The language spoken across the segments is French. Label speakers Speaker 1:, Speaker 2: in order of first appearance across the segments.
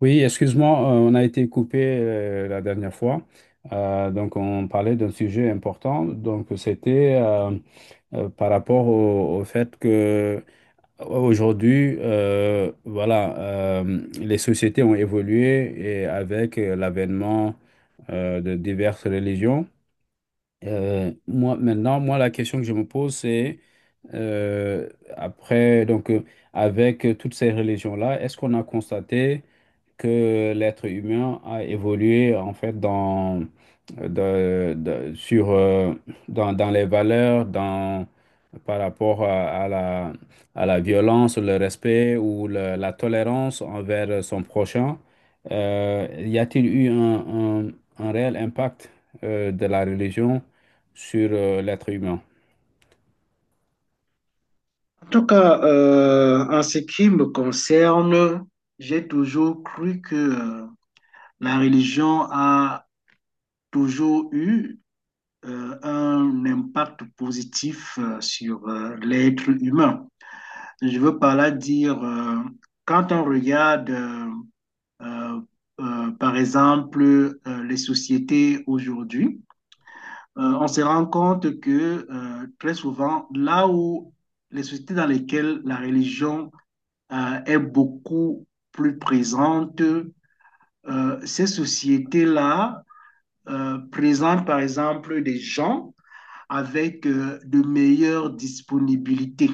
Speaker 1: Oui, excuse-moi, on a été coupé la dernière fois. Donc, on parlait d'un sujet important. Donc, c'était par rapport au fait que aujourd'hui, voilà, les sociétés ont évolué et avec l'avènement de diverses religions. Maintenant, moi, la question que je me pose, c'est euh, après, avec toutes ces religions-là, est-ce qu'on a constaté que l'être humain a évolué en fait dans, de- sur, dans, dans les valeurs, par rapport à à la violence, le respect ou la tolérance envers son prochain. Y a-t-il eu un- un réel impact de la religion sur l'être humain?
Speaker 2: En tout cas, en ce qui me concerne, j'ai toujours cru que la religion a toujours eu un impact positif sur l'être humain. Je veux par là dire, quand on regarde, euh, par exemple, les sociétés aujourd'hui, on se rend compte que très souvent, là où les sociétés dans lesquelles la religion est beaucoup plus présente. Ces sociétés-là présentent par exemple des gens avec de meilleures disponibilités.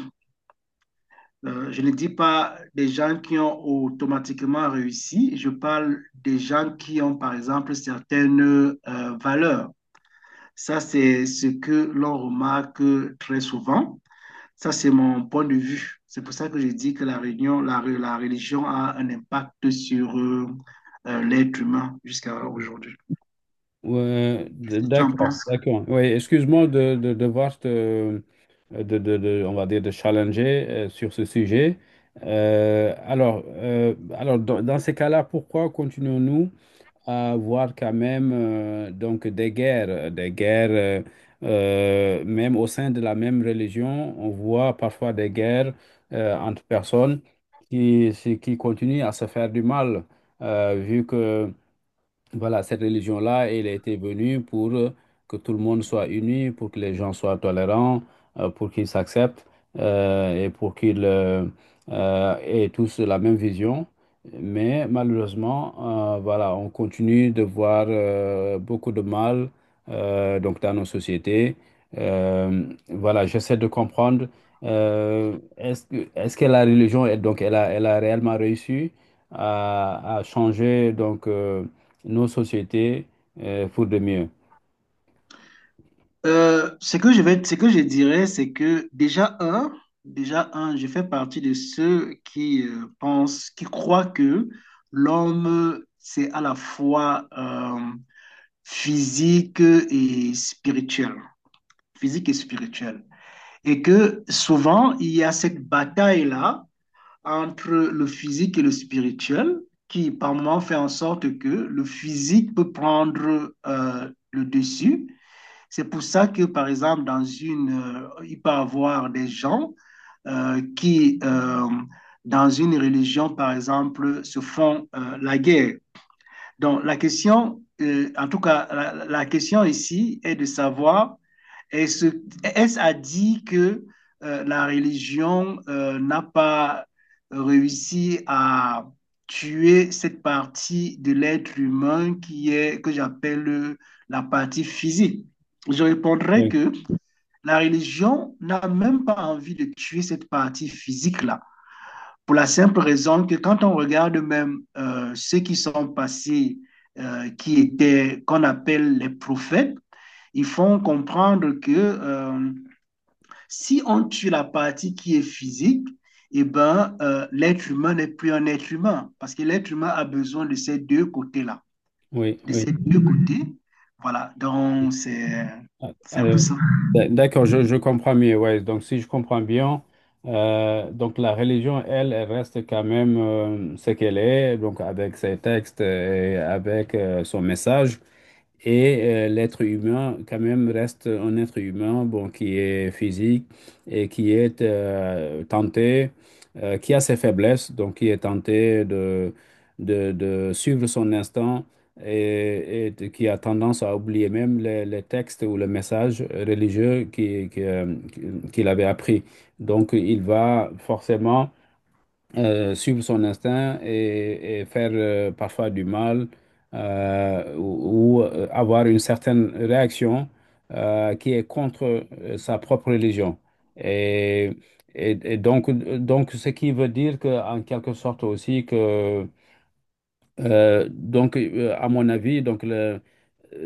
Speaker 2: Je ne dis pas des gens qui ont automatiquement réussi, je parle des gens qui ont par exemple certaines valeurs. Ça, c'est ce que l'on remarque très souvent. Ça, c'est mon point de vue. C'est pour ça que je dis que la réunion, la religion a un impact sur l'être humain jusqu'à aujourd'hui.
Speaker 1: Ouais,
Speaker 2: Qu'est-ce que tu en
Speaker 1: d'accord,
Speaker 2: penses?
Speaker 1: d'accord. Oui, excuse-moi de devoir te, on va dire, de challenger sur ce sujet. Alors dans ces cas-là, pourquoi continuons-nous à voir quand même des guerres, même au sein de la même religion, on voit parfois des guerres entre personnes qui continuent à se faire du mal, vu que voilà, cette religion-là, elle était venue pour que tout le monde soit uni, pour que les gens soient tolérants, pour qu'ils s'acceptent et pour qu'ils aient tous la même vision. Mais malheureusement, voilà, on continue de voir beaucoup de mal donc dans nos sociétés. Euh, voilà, j'essaie de comprendre. Est-ce que est-ce que, la religion, donc, elle a réellement réussi à changer donc nos sociétés pour de mieux.
Speaker 2: Ce que je vais, ce que je dirais, c'est que déjà un, je fais partie de ceux qui pensent, qui croient que l'homme, c'est à la fois physique et spirituel, physique et spirituel, et que souvent il y a cette bataille-là entre le physique et le spirituel, qui par moment fait en sorte que le physique peut prendre le dessus. C'est pour ça que, par exemple, dans une, il peut y avoir des gens euh, qui, euh, dans une religion, par exemple, se font la guerre. Donc, la question, en tout cas, la question ici est de savoir est-ce, est-ce à dire que la religion n'a pas réussi à tuer cette partie de l'être humain qui est, que j'appelle la partie physique? Je répondrai
Speaker 1: Oui,
Speaker 2: que la religion n'a même pas envie de tuer cette partie physique-là, pour la simple raison que quand on regarde même ceux qui sont passés, qui étaient qu'on appelle les prophètes, ils font comprendre que si on tue la partie qui est physique, eh ben, l'être humain n'est plus un être humain parce que l'être humain a besoin de ces deux côtés-là,
Speaker 1: oui,
Speaker 2: de
Speaker 1: oui.
Speaker 2: ces deux côtés. Voilà, donc c'est un peu
Speaker 1: Alors,
Speaker 2: ça.
Speaker 1: d'accord, je comprends mieux. Ouais. Donc, si je comprends bien, la religion, elle, elle reste quand même ce qu'elle est, donc avec ses textes et avec son message. Et l'être humain, quand même, reste un être humain, bon, qui est physique et qui est tenté, qui a ses faiblesses, donc qui est tenté de suivre son instinct et qui a tendance à oublier même les textes ou les messages religieux qui, qu'il avait appris. Donc, il va forcément suivre son instinct et faire parfois du mal ou avoir une certaine réaction qui est contre sa propre religion. Et, donc, ce qui veut dire que, en quelque sorte aussi que à mon avis,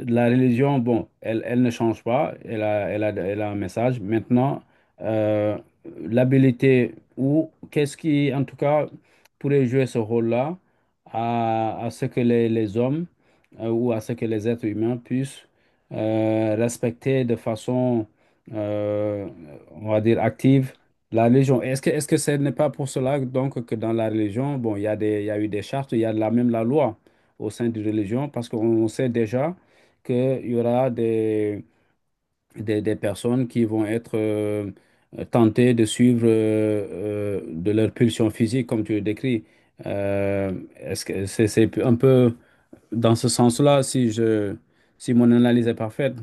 Speaker 1: la religion, bon, elle, elle ne change pas, elle a un message. Maintenant, euh, l'habilité ou qu'est-ce qui, en tout cas, pourrait jouer ce rôle-là à ce que les hommes ou à ce que les êtres humains puissent respecter de façon, euh, on va dire, active la religion, est-ce que ce n'est pas pour cela donc que dans la religion, bon, il y a eu des chartes, il y a la, même la loi au sein d'une religion, parce qu'on sait déjà qu'il y aura des personnes qui vont être tentées de suivre de leur pulsion physique, comme tu le décris. Est-ce que c'est un peu dans ce sens-là, si je, si mon analyse est parfaite?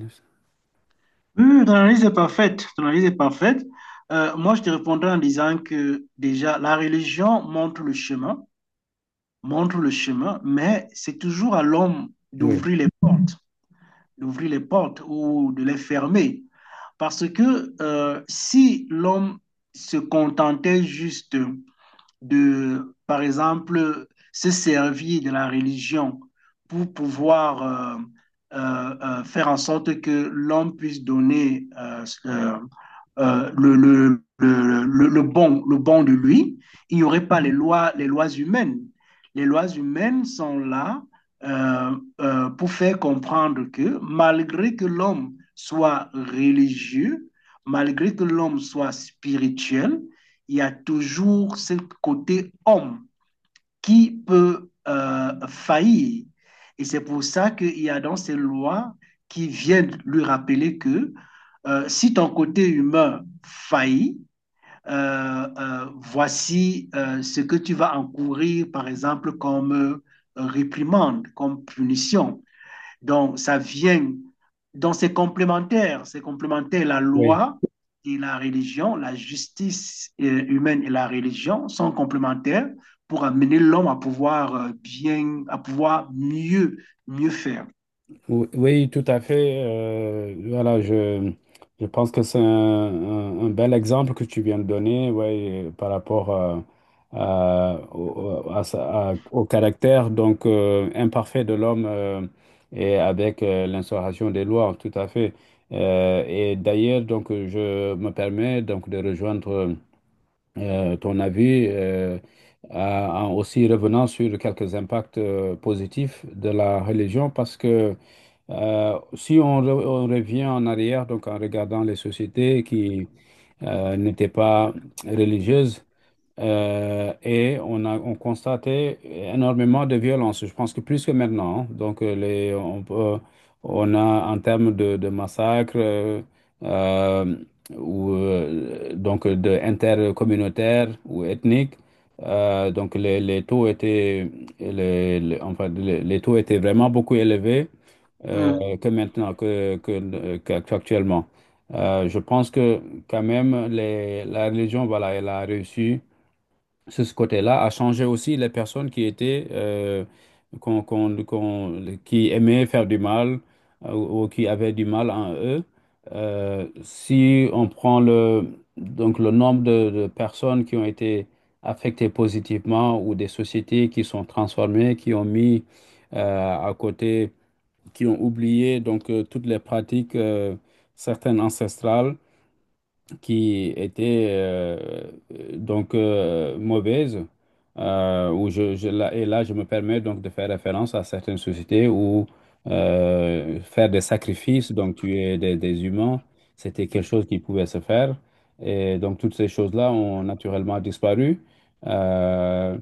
Speaker 2: Ton analyse est parfaite. Ton analyse est parfaite. Moi, je te répondrai en disant que déjà, la religion montre le chemin, mais c'est toujours à l'homme
Speaker 1: Oui,
Speaker 2: d'ouvrir les portes ou de les fermer. Parce que si l'homme se contentait juste de, par exemple, se servir de la religion pour pouvoir faire en sorte que l'homme puisse donner le, bon, le bon de lui, il n'y aurait pas les lois, les lois humaines. Les lois humaines sont là euh, pour faire comprendre que malgré que l'homme soit religieux, malgré que l'homme soit spirituel, il y a toujours ce côté homme qui peut faillir. Et c'est pour ça qu'il y a dans ces lois qui viennent lui rappeler que si ton côté humain faillit, voici ce que tu vas encourir, par exemple, comme réprimande, comme punition. Donc, ça vient, donc c'est complémentaire, c'est complémentaire. La
Speaker 1: oui.
Speaker 2: loi et la religion, la justice humaine et la religion sont complémentaires pour amener l'homme à pouvoir à pouvoir mieux, mieux faire.
Speaker 1: Oui, tout à fait. Voilà, je pense que c'est un bel exemple que tu viens de donner, ouais, par rapport à- au, à sa- à- au caractère donc imparfait de l'homme et avec l'instauration des lois, tout à fait. Et d'ailleurs, donc, je me permets donc de rejoindre ton avis, en en aussi revenant sur quelques impacts positifs de la religion parce que si on, on revient en arrière, donc en regardant les sociétés qui n'étaient pas religieuses, et on constatait énormément de violence, je pense que plus que maintenant, hein. Donc, on a en termes de massacres euh, ou donc de intercommunautaires ou ethniques, donc les taux étaient les- enfin, les taux étaient vraiment beaucoup élevés euh,
Speaker 2: Hmm.
Speaker 1: que maintenant que, qu'actuellement. Je pense que quand même la religion voilà elle a réussi sur ce côté-là, a changé aussi les personnes qui étaient, qui aimaient faire du mal ou qui avaient du mal en eux. Si on prend le nombre de personnes qui ont été affectées positivement ou des sociétés qui sont transformées, qui ont mis à côté, qui ont oublié toutes les pratiques, certaines ancestrales qui était mauvaise, là, et là je me permets donc de faire référence à certaines sociétés où faire des sacrifices, donc tuer des humains, c'était quelque chose qui pouvait se faire. Et donc toutes ces choses-là ont naturellement disparu. Euh,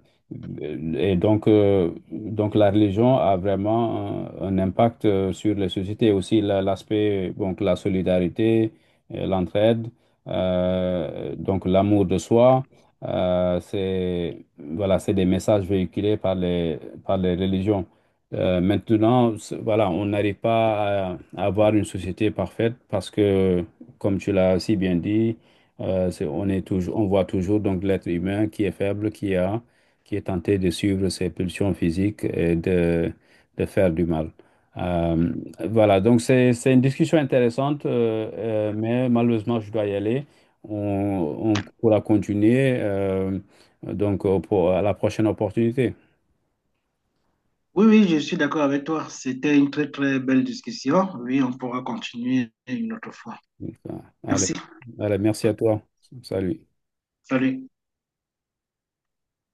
Speaker 1: et donc, donc la religion a vraiment un impact sur les sociétés, aussi l'aspect, donc la solidarité, l'entraide. Donc l'amour de soi, c'est voilà, c'est des messages véhiculés par les religions. Maintenant, voilà, on n'arrive pas à, à avoir une société parfaite parce que, comme tu l'as si bien dit, on est toujours, on voit toujours donc l'être humain qui est faible, qui a, qui est tenté de suivre ses pulsions physiques et de faire du mal. Euh, voilà, donc c'est une discussion intéressante, mais malheureusement, je dois y aller. On, on pourra continuer pour, à la prochaine opportunité.
Speaker 2: Oui, oui, je suis d'accord avec toi. C'était une très, très belle discussion. Oui, on pourra continuer une autre fois.
Speaker 1: Donc, euh, Allez,
Speaker 2: Merci.
Speaker 1: allez, merci à toi. Salut.
Speaker 2: Salut.